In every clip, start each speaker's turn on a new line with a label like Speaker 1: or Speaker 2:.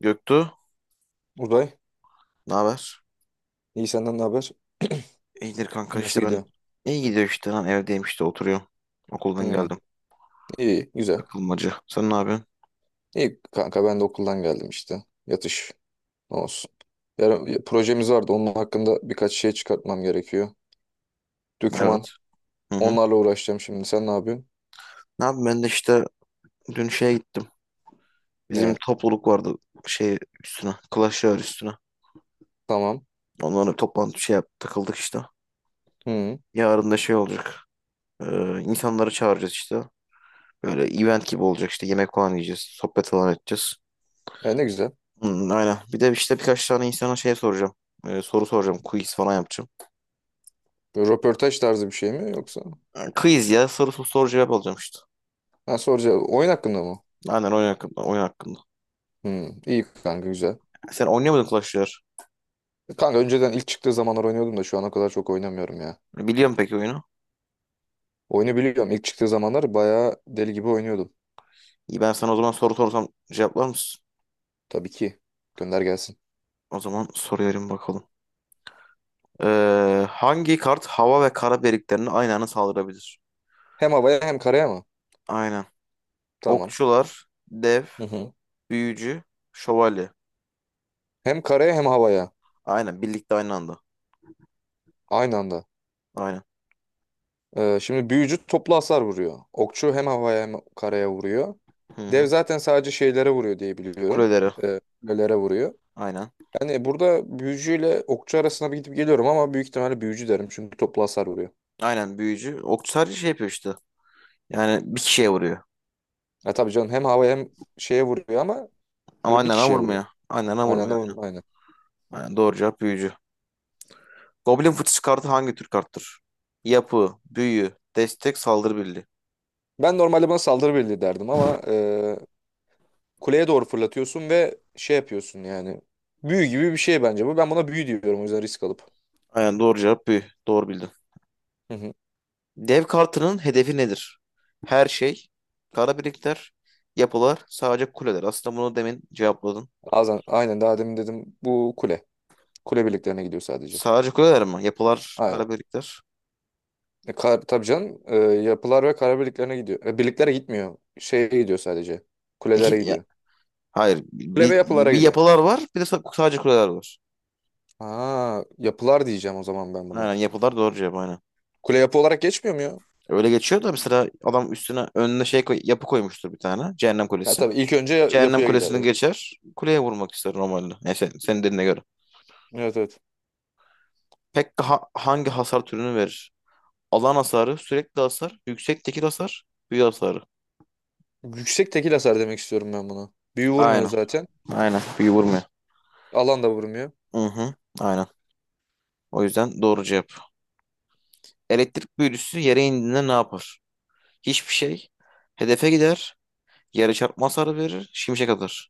Speaker 1: Göktuğ,
Speaker 2: Uzay,
Speaker 1: ne haber?
Speaker 2: iyi senden ne haber?
Speaker 1: İyidir kanka
Speaker 2: Nasıl
Speaker 1: işte ben.
Speaker 2: gidiyor?
Speaker 1: İyi gidiyor işte lan evdeyim işte oturuyorum. Okuldan
Speaker 2: Hmm.
Speaker 1: geldim.
Speaker 2: iyi, güzel.
Speaker 1: Takılmacı. Sen ne yapıyorsun?
Speaker 2: İyi kanka ben de okuldan geldim işte. Yatış, ne olsun. Yarın projemiz vardı, onun hakkında birkaç şey çıkartmam gerekiyor. Döküman,
Speaker 1: Evet. Hı hı.
Speaker 2: onlarla uğraşacağım şimdi. Sen ne yapıyorsun?
Speaker 1: Ne yapayım ben de işte dün şeye gittim. Bizim
Speaker 2: Ne?
Speaker 1: topluluk vardı şey üstüne. Clash Royale üstüne.
Speaker 2: Tamam.
Speaker 1: Onlara toplantı şey yaptık takıldık işte.
Speaker 2: Hmm.
Speaker 1: Yarın da şey olacak. İnsanları çağıracağız işte. Böyle event gibi olacak işte. Yemek falan yiyeceğiz. Sohbet falan edeceğiz.
Speaker 2: E ne güzel.
Speaker 1: Hı, aynen. Bir de işte birkaç tane insana şey soracağım. Soru soracağım. Quiz falan yapacağım.
Speaker 2: Böyle röportaj tarzı bir şey mi yoksa?
Speaker 1: Quiz ya sorusu soru cevap alacağım işte.
Speaker 2: Ha, soracağım, oyun hakkında mı?
Speaker 1: Aynen oyun hakkında. Oyun hakkında.
Speaker 2: İyi kanka güzel.
Speaker 1: Sen oynayamadın Clash Royale.
Speaker 2: Kanka önceden ilk çıktığı zamanlar oynuyordum da şu ana kadar çok oynamıyorum ya.
Speaker 1: Biliyorum peki oyunu.
Speaker 2: Oyunu biliyorum. İlk çıktığı zamanlar bayağı deli gibi oynuyordum.
Speaker 1: İyi ben sana o zaman soru sorsam cevaplar mısın?
Speaker 2: Tabii ki. Gönder gelsin.
Speaker 1: O zaman soruyorum bakalım. Hangi kart hava ve kara birliklerini aynı anda saldırabilir?
Speaker 2: Hem havaya hem karaya mı?
Speaker 1: Aynen.
Speaker 2: Tamam.
Speaker 1: Okçular, dev,
Speaker 2: Hı hı.
Speaker 1: büyücü, şövalye.
Speaker 2: Hem karaya hem havaya.
Speaker 1: Aynen birlikte aynı anda.
Speaker 2: Aynı anda.
Speaker 1: Aynen.
Speaker 2: Şimdi büyücü toplu hasar vuruyor. Okçu hem havaya hem karaya vuruyor.
Speaker 1: Hı
Speaker 2: Dev
Speaker 1: hı.
Speaker 2: zaten sadece şeylere vuruyor diye biliyorum.
Speaker 1: Kuleleri.
Speaker 2: Kulelere vuruyor.
Speaker 1: Aynen.
Speaker 2: Yani burada büyücüyle okçu arasına bir gidip geliyorum ama büyük ihtimalle büyücü derim. Çünkü toplu hasar vuruyor.
Speaker 1: Aynen büyücü. Okçu sadece şey yapıyor işte. Yani bir kişiye vuruyor.
Speaker 2: Ya tabii canım hem havaya hem şeye vuruyor ama
Speaker 1: Ama
Speaker 2: bir
Speaker 1: aynı anda
Speaker 2: kişiye vuruyor.
Speaker 1: vurmuyor. Aynı anda
Speaker 2: Aynı
Speaker 1: vurmuyor.
Speaker 2: anda vurmuyor. Aynen.
Speaker 1: Aynen, doğru cevap büyücü. Goblin fıçısı kartı hangi tür karttır? Yapı, büyü, destek, saldırı birliği.
Speaker 2: Ben normalde buna saldırı birliği derdim ama kuleye doğru fırlatıyorsun ve şey yapıyorsun yani. Büyü gibi bir şey bence bu. Ben buna büyü diyorum o yüzden risk alıp.
Speaker 1: Aynen doğru cevap büyü. Doğru bildin.
Speaker 2: Hı hı.
Speaker 1: Dev kartının hedefi nedir? Her şey, kara birlikler, yapılar, sadece kuleler. Aslında bunu demin cevapladın.
Speaker 2: Bazen, aynen daha demin dedim bu kule. Kule birliklerine gidiyor sadece.
Speaker 1: Sadece kuleler mi? Yapılar,
Speaker 2: Aynen.
Speaker 1: kara birlikler.
Speaker 2: Tabii canım yapılar ve kara birliklerine gidiyor. Birliklere gitmiyor. Şeye gidiyor sadece. Kulelere
Speaker 1: İki,
Speaker 2: gidiyor.
Speaker 1: hayır.
Speaker 2: Kule ve
Speaker 1: Bir,
Speaker 2: yapılara
Speaker 1: bir
Speaker 2: gidiyor.
Speaker 1: yapılar var, bir de sadece kuleler var.
Speaker 2: Ha, yapılar diyeceğim o zaman ben buna.
Speaker 1: Aynen yapılar doğru cevap aynen.
Speaker 2: Kule yapı olarak geçmiyor mu ya?
Speaker 1: Öyle geçiyor da mesela adam üstüne önüne şey koy, yapı koymuştur bir tane. Cehennem
Speaker 2: Ya
Speaker 1: Kulesi.
Speaker 2: tabii ilk önce
Speaker 1: Cehennem
Speaker 2: yapıya gider.
Speaker 1: kulesini
Speaker 2: Evet,
Speaker 1: geçer. Kuleye vurmak ister normalde. Yani sen, senin dediğine göre.
Speaker 2: evet, evet.
Speaker 1: Pekka hangi hasar türünü verir? Alan hasarı, sürekli hasar, yüksek tekil hasar, büyü hasarı.
Speaker 2: Yüksek tekil hasar demek istiyorum ben buna. Büyü vurmuyor
Speaker 1: Aynen.
Speaker 2: zaten.
Speaker 1: Aynen. Büyü vurmuyor.
Speaker 2: Alan da vurmuyor.
Speaker 1: Hı hı. Aynen. O yüzden doğru cevap. Elektrik büyücüsü yere indiğinde ne yapar? Hiçbir şey. Hedefe gider. Yere çarpma hasarı verir. Şimşek atar.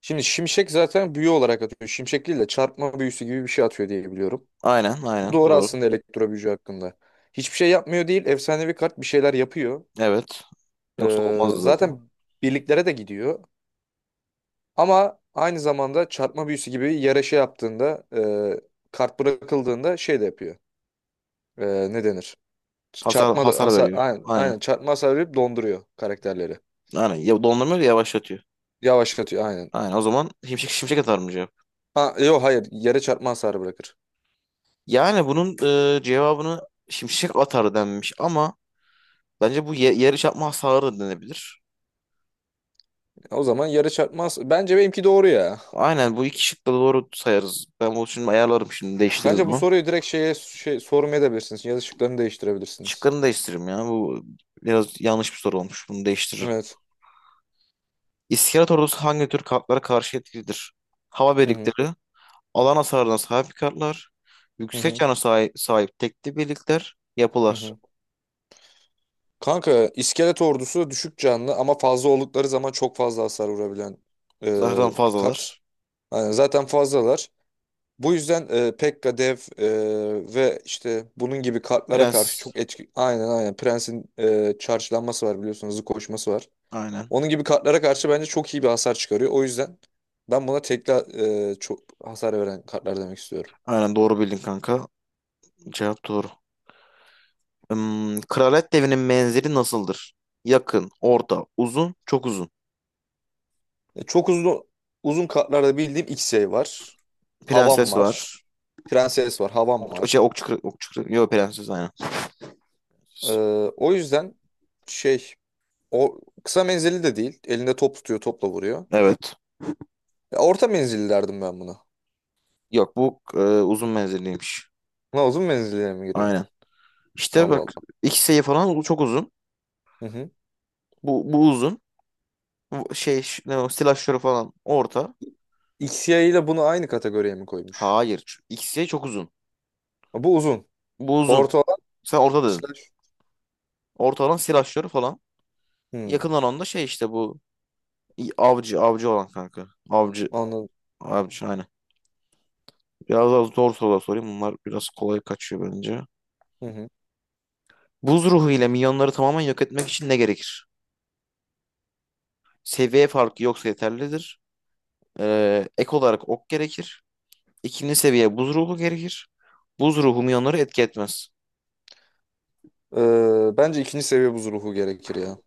Speaker 2: Şimdi şimşek zaten büyü olarak atıyor. Şimşek değil de çarpma büyüsü gibi bir şey atıyor diye biliyorum.
Speaker 1: Aynen. Aynen.
Speaker 2: Bu doğru
Speaker 1: Doğru.
Speaker 2: aslında elektro büyücü hakkında. Hiçbir şey yapmıyor değil. Efsanevi kart bir şeyler yapıyor.
Speaker 1: Evet. Yoksa olmazdı zaten.
Speaker 2: Zaten birliklere de gidiyor. Ama aynı zamanda çarpma büyüsü gibi yere şey yaptığında e, kart bırakıldığında şey de yapıyor. Ne denir?
Speaker 1: Hasar,
Speaker 2: Çarpma da
Speaker 1: hasar
Speaker 2: hasar,
Speaker 1: veriyor.
Speaker 2: aynen,
Speaker 1: Aynen.
Speaker 2: aynen çarpma hasarı verip donduruyor karakterleri.
Speaker 1: Aynen. Ya dondurma öyle yavaşlatıyor.
Speaker 2: Yavaşlatıyor aynen.
Speaker 1: Aynen. O zaman şimşek atar mı cevap?
Speaker 2: Ha, yok, hayır, yere çarpma hasarı bırakır.
Speaker 1: Yani bunun cevabını şimşek atar denmiş ama bence bu ye yarı çarpma hasarı denebilir.
Speaker 2: O zaman yarı çarpmaz. Bence benimki doğru ya.
Speaker 1: Aynen bu iki şık da doğru sayarız. Ben bunu şimdi ayarlarım şimdi değiştiririz
Speaker 2: Bence bu
Speaker 1: bunu.
Speaker 2: soruyu direkt şeye şey, sormaya da bilirsiniz. Yazı şıklarını değiştirebilirsiniz.
Speaker 1: Şıklarını değiştiririm ya. Bu biraz yanlış bir soru olmuş. Bunu değiştiririm.
Speaker 2: Evet.
Speaker 1: İskelet ordusu hangi tür kartlara karşı etkilidir? Hava
Speaker 2: Hı hı.
Speaker 1: birlikleri, alan hasarına sahip kartlar,
Speaker 2: Hı
Speaker 1: yüksek
Speaker 2: hı.
Speaker 1: cana sahip tekli birlikler,
Speaker 2: Hı
Speaker 1: yapılar.
Speaker 2: hı. Kanka iskelet ordusu düşük canlı ama fazla oldukları zaman çok fazla hasar vurabilen
Speaker 1: Zahran
Speaker 2: kart.
Speaker 1: fazlalar.
Speaker 2: Yani zaten fazlalar. Bu yüzden Pekka, Dev ve işte bunun gibi kartlara karşı
Speaker 1: Prens.
Speaker 2: çok etki... Aynen, aynen. Prens'in charge'lanması var biliyorsunuz. Hızlı koşması var.
Speaker 1: Aynen.
Speaker 2: Onun gibi kartlara karşı bence çok iyi bir hasar çıkarıyor. O yüzden ben buna tekli çok hasar veren kartlar demek istiyorum.
Speaker 1: Aynen doğru bildin kanka. Cevap doğru. Hmm, Kraliyet devinin menzili nasıldır? Yakın, orta, uzun, çok uzun.
Speaker 2: Çok uzun uzun kartlarda bildiğim Xey var. Havan
Speaker 1: Prenses
Speaker 2: var.
Speaker 1: var.
Speaker 2: Prenses var. Havan
Speaker 1: Ok,
Speaker 2: var.
Speaker 1: şey, okçu, okçu, yok prenses aynen.
Speaker 2: Ee, O yüzden şey o kısa menzilli de değil. Elinde top tutuyor, topla vuruyor.
Speaker 1: Evet.
Speaker 2: Ya, orta menzilli derdim ben buna.
Speaker 1: Yok bu uzun menzilliymiş.
Speaker 2: Ne, uzun menzilliye mi giriyor?
Speaker 1: Aynen. İşte
Speaker 2: Allah
Speaker 1: bak
Speaker 2: Allah.
Speaker 1: iki sayı falan çok uzun.
Speaker 2: Hı hı.
Speaker 1: Bu uzun. Bu Şey ne o, silajları falan orta.
Speaker 2: Xey ile bunu aynı kategoriye mi koymuş?
Speaker 1: Hayır. İkisi çok uzun.
Speaker 2: Ha, bu uzun.
Speaker 1: Bu uzun.
Speaker 2: Orta olan
Speaker 1: Sen orta dedin.
Speaker 2: slash.
Speaker 1: Orta olan silajları falan.
Speaker 2: Hmm,
Speaker 1: Yakın olan da şey işte bu avcı avcı olan kanka. Avcı
Speaker 2: Anladım.
Speaker 1: avcı aynen. Biraz daha zor sorular sorayım. Bunlar biraz kolay kaçıyor bence.
Speaker 2: Hı hı.
Speaker 1: Buz ruhu ile milyonları tamamen yok etmek için ne gerekir? Seviye farkı yoksa yeterlidir. Ek olarak ok gerekir. İkinci seviye buz ruhu gerekir. Buz ruhu milyonları etki etmez.
Speaker 2: Bence ikinci seviye buz ruhu gerekir ya.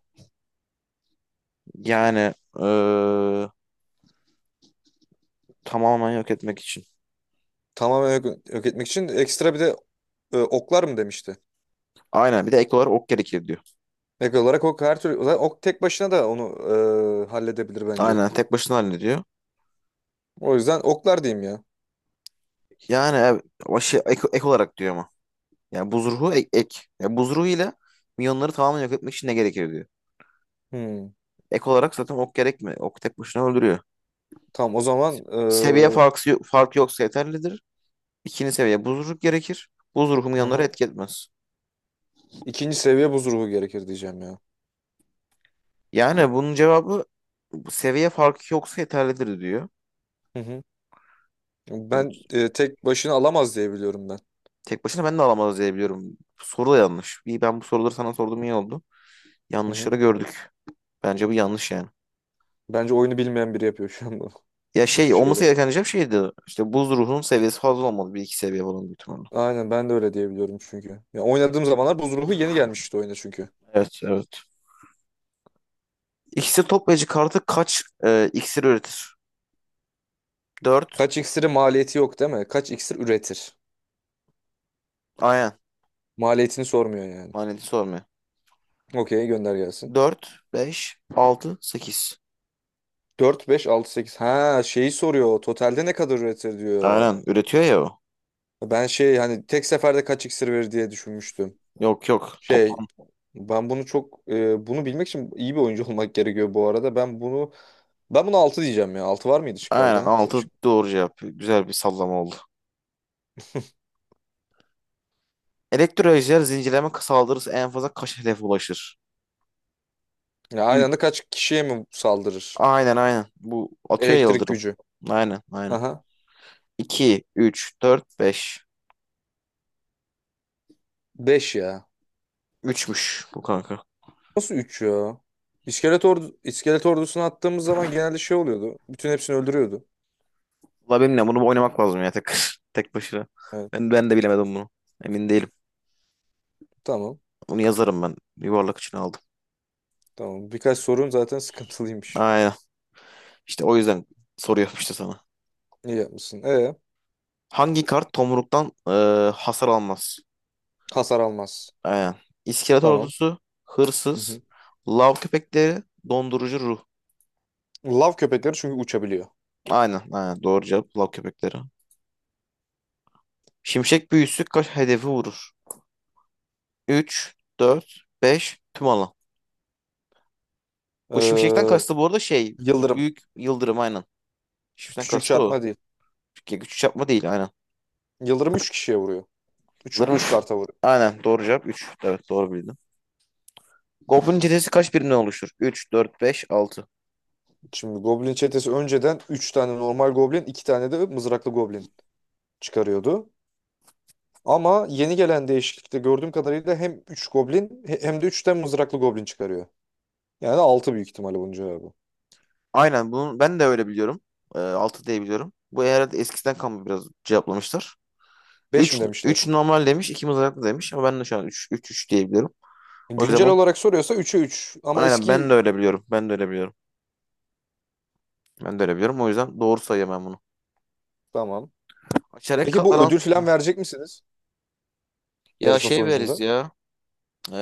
Speaker 1: Yani eee, tamamen yok etmek için.
Speaker 2: Tamamen yok, yok etmek için ekstra bir de oklar mı demişti?
Speaker 1: Aynen bir de ek olarak ok gerekir diyor.
Speaker 2: Ek olarak ok her türlü zaten ok tek başına da onu halledebilir bence.
Speaker 1: Aynen tek başına hallediyor.
Speaker 2: O yüzden oklar diyeyim ya.
Speaker 1: Yani başı ek, ek olarak diyor ama. Yani buz ruhu ek. Ek. Yani buz ruhu ile milyonları tamamen yok etmek için ne gerekir diyor.
Speaker 2: Hmm.
Speaker 1: Ek olarak zaten ok gerekmiyor. Ok tek başına öldürüyor.
Speaker 2: Tamam o zaman
Speaker 1: Seviye farkı yoksa yeterlidir. İkinci seviye buz ruhu gerekir. Buz ruhu milyonları
Speaker 2: aha.
Speaker 1: etki etmez.
Speaker 2: ikinci seviye buz ruhu gerekir diyeceğim ya.
Speaker 1: Yani bunun cevabı seviye farkı yoksa yeterlidir diyor.
Speaker 2: Hı hı.
Speaker 1: Bunu
Speaker 2: Ben tek başına alamaz diye biliyorum ben.
Speaker 1: tek başına ben de alamaz diye biliyorum. Soru da yanlış. İyi ben bu soruları sana sorduğum iyi oldu.
Speaker 2: Hı hı.
Speaker 1: Yanlışları gördük. Bence bu yanlış yani.
Speaker 2: Bence oyunu bilmeyen biri yapıyor şu an bunu.
Speaker 1: Ya
Speaker 2: Bu şu
Speaker 1: şey olması
Speaker 2: şeyler.
Speaker 1: gereken diyeceğim şeydi. İşte buz ruhunun seviyesi fazla olmalı. Bir iki seviye falan büyük ihtimalle.
Speaker 2: Aynen ben de öyle diyebiliyorum çünkü. Ya oynadığım zamanlar buz ruhu yeni gelmişti oyuna çünkü.
Speaker 1: Evet. İksir toplayıcı kartı kaç iksir üretir? Dört.
Speaker 2: Kaç iksiri maliyeti yok değil mi? Kaç iksir üretir?
Speaker 1: Aynen.
Speaker 2: Maliyetini sormuyor yani.
Speaker 1: Maneti sormuyor.
Speaker 2: Okey, gönder gelsin.
Speaker 1: Dört, beş, altı, sekiz.
Speaker 2: Dört, beş, altı, sekiz. Ha, şeyi soruyor. Totalde ne kadar üretir diyor.
Speaker 1: Aynen. Üretiyor ya o.
Speaker 2: Ben şey hani tek seferde kaç iksir verir diye düşünmüştüm.
Speaker 1: Yok yok.
Speaker 2: Şey,
Speaker 1: Toplam.
Speaker 2: ben bunu çok bunu bilmek için iyi bir oyuncu olmak gerekiyor bu arada. Ben bunu altı diyeceğim ya. Altı var mıydı şıklarda?
Speaker 1: Aynen, 6 doğru cevap. Güzel bir sallama oldu. Elektrolizer zincirleme saldırısı en fazla kaç hedefe ulaşır?
Speaker 2: Ya aynı
Speaker 1: 3.
Speaker 2: anda kaç kişiye mi saldırır?
Speaker 1: Aynen aynen. Bu atıyor ya
Speaker 2: Elektrik
Speaker 1: yıldırım.
Speaker 2: gücü.
Speaker 1: Aynen aynen.
Speaker 2: Aha.
Speaker 1: 2, 3, 4, 5.
Speaker 2: 5 ya.
Speaker 1: Üçmüş bu kanka.
Speaker 2: Nasıl 3 ya? İskelet ordusunu attığımız zaman genelde şey oluyordu. Bütün hepsini öldürüyordu.
Speaker 1: Valla benimle bunu oynamak lazım ya tek tek başına.
Speaker 2: Evet.
Speaker 1: Ben de bilemedim bunu. Emin değilim.
Speaker 2: Tamam.
Speaker 1: Bunu yazarım ben. Yuvarlak için aldım.
Speaker 2: Tamam. Birkaç sorun zaten sıkıntılıymış.
Speaker 1: Aynen. İşte o yüzden soru yapmıştı sana.
Speaker 2: İyi yapmışsın.
Speaker 1: Hangi kart tomruktan hasar almaz?
Speaker 2: Hasar almaz.
Speaker 1: Aynen. İskelet
Speaker 2: Tamam.
Speaker 1: ordusu,
Speaker 2: Hı
Speaker 1: hırsız,
Speaker 2: hı.
Speaker 1: lav köpekleri, dondurucu ruh.
Speaker 2: Lav köpekleri çünkü uçabiliyor.
Speaker 1: Aynen, aynen. Doğru cevap lav köpekleri. Şimşek büyüsü kaç hedefi vurur? 3, 4, 5 tüm alan. Bu şimşekten
Speaker 2: Ee,
Speaker 1: kastı bu arada şey
Speaker 2: Yıldırım.
Speaker 1: büyük yıldırım aynen. Shift'ten
Speaker 2: Küçük
Speaker 1: kastı o.
Speaker 2: çarpma değil.
Speaker 1: Çünkü Güç çarpma değil aynen.
Speaker 2: Yıldırım 3 kişiye vuruyor. Üç üç
Speaker 1: Vuruş.
Speaker 2: karta vuruyor.
Speaker 1: Aynen doğru cevap 3. Evet doğru bildim. Goblin çetesi kaç birimden oluşur? 3, 4, 5, 6.
Speaker 2: Şimdi Goblin çetesi önceden 3 tane normal Goblin, 2 tane de mızraklı Goblin çıkarıyordu. Ama yeni gelen değişiklikte gördüğüm kadarıyla hem 3 Goblin hem de 3 tane mızraklı Goblin çıkarıyor. Yani 6 büyük ihtimalle bunun cevabı.
Speaker 1: Aynen bunu ben de öyle biliyorum. 6 diye biliyorum. Bu herhalde eskiden kalma biraz cevaplamışlar. 3,
Speaker 2: Beş mi
Speaker 1: 3
Speaker 2: demişler?
Speaker 1: normal demiş, 2 mızraklı demiş ama ben de şu an 3, 3, 3 diye biliyorum. O yüzden
Speaker 2: Güncel
Speaker 1: bunu
Speaker 2: olarak soruyorsa 3'e 3. Ama
Speaker 1: aynen ben de
Speaker 2: eski...
Speaker 1: öyle biliyorum. Ben de öyle biliyorum. Ben de öyle biliyorum. O yüzden doğru sayıyorum ben bunu.
Speaker 2: Tamam.
Speaker 1: Çeyrek
Speaker 2: Peki bu
Speaker 1: katlanan
Speaker 2: ödül falan verecek misiniz
Speaker 1: ya
Speaker 2: yarışma
Speaker 1: şey veririz
Speaker 2: sonucunda?
Speaker 1: ya. Ee,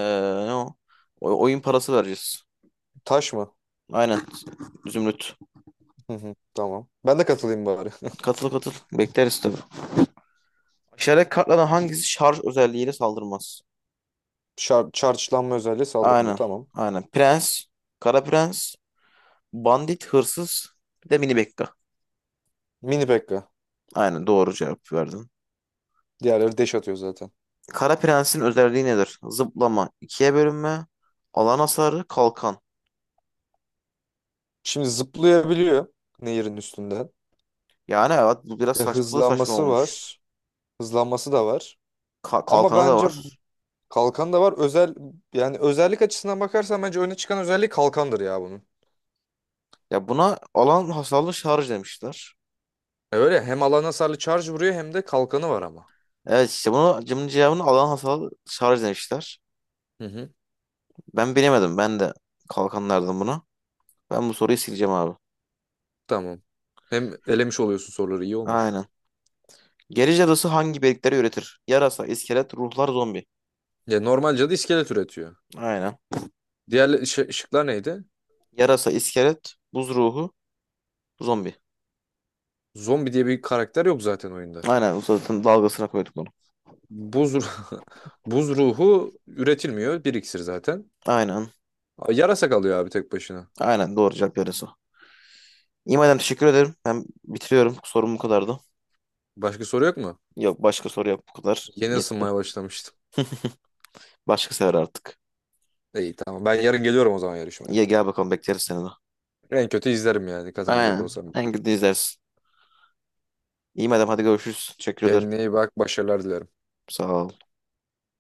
Speaker 1: Ne o? Oyun parası vereceğiz.
Speaker 2: Taş mı?
Speaker 1: Aynen. Zümrüt.
Speaker 2: Hı hı, tamam. Ben de katılayım bari.
Speaker 1: Katıl katıl. Bekleriz tabii. Aşağıdaki kartlardan hangisi şarj özelliğiyle saldırmaz?
Speaker 2: Charge'lanma özelliği saldırmıyor.
Speaker 1: Aynen.
Speaker 2: Tamam.
Speaker 1: Aynen. Prens, Kara Prens, Bandit, Hırsız, bir de Mini Bekka.
Speaker 2: Mini Pekka.
Speaker 1: Aynen doğru cevap verdin.
Speaker 2: Diğerleri dash atıyor zaten.
Speaker 1: Kara Prens'in özelliği nedir? Zıplama, ikiye bölünme, alan hasarı, kalkan.
Speaker 2: Şimdi zıplayabiliyor nehirin üstünden.
Speaker 1: Yani evet bu biraz saç, bu da saçma
Speaker 2: Hızlanması
Speaker 1: olmuş.
Speaker 2: var. Hızlanması da var. Ama
Speaker 1: Kalkanı da
Speaker 2: bence
Speaker 1: var.
Speaker 2: kalkan da var. Özellik açısından bakarsan bence öne çıkan özelliği kalkandır ya bunun.
Speaker 1: Ya buna alan hasarlı şarj demişler.
Speaker 2: Öyle hem alan hasarlı charge vuruyor hem de kalkanı var ama.
Speaker 1: Evet işte bunu cımın cevabını alan hasarlı şarj demişler.
Speaker 2: Hı hı.
Speaker 1: Ben bilemedim. Ben de kalkanlardım buna. Ben bu soruyu sileceğim abi.
Speaker 2: Tamam. Hem elemiş oluyorsun, soruları iyi olmuş.
Speaker 1: Aynen. Geri cadısı hangi birlikleri üretir? Yarasa, iskelet, ruhlar, zombi.
Speaker 2: Ya normalce de iskelet üretiyor.
Speaker 1: Aynen.
Speaker 2: Diğer şıklar neydi?
Speaker 1: Yarasa, iskelet, buz ruhu, zombi.
Speaker 2: Zombi diye bir karakter yok zaten oyunda.
Speaker 1: Aynen. Bu zaten dalgasına koyduk bunu.
Speaker 2: Buz ru- Buz ruhu üretilmiyor. Bir iksir zaten.
Speaker 1: Aynen.
Speaker 2: Yarasa kalıyor abi tek başına.
Speaker 1: Aynen. Doğru cevap yarasa. İyi madem teşekkür ederim. Ben bitiriyorum. Sorum bu kadardı.
Speaker 2: Başka soru yok mu?
Speaker 1: Yok başka soru yok bu kadar.
Speaker 2: Yeni
Speaker 1: Yetti.
Speaker 2: ısınmaya başlamıştım.
Speaker 1: Başka sefer artık.
Speaker 2: İyi, tamam. Ben yarın geliyorum o zaman yarışmaya.
Speaker 1: İyi gel bakalım bekleriz seni de.
Speaker 2: En kötü izlerim yani katılmayacak
Speaker 1: Aynen.
Speaker 2: olsam.
Speaker 1: En kötü izlersin. İyi madem hadi görüşürüz. Teşekkür ederim.
Speaker 2: Kendine iyi bak. Başarılar dilerim.
Speaker 1: Sağ ol.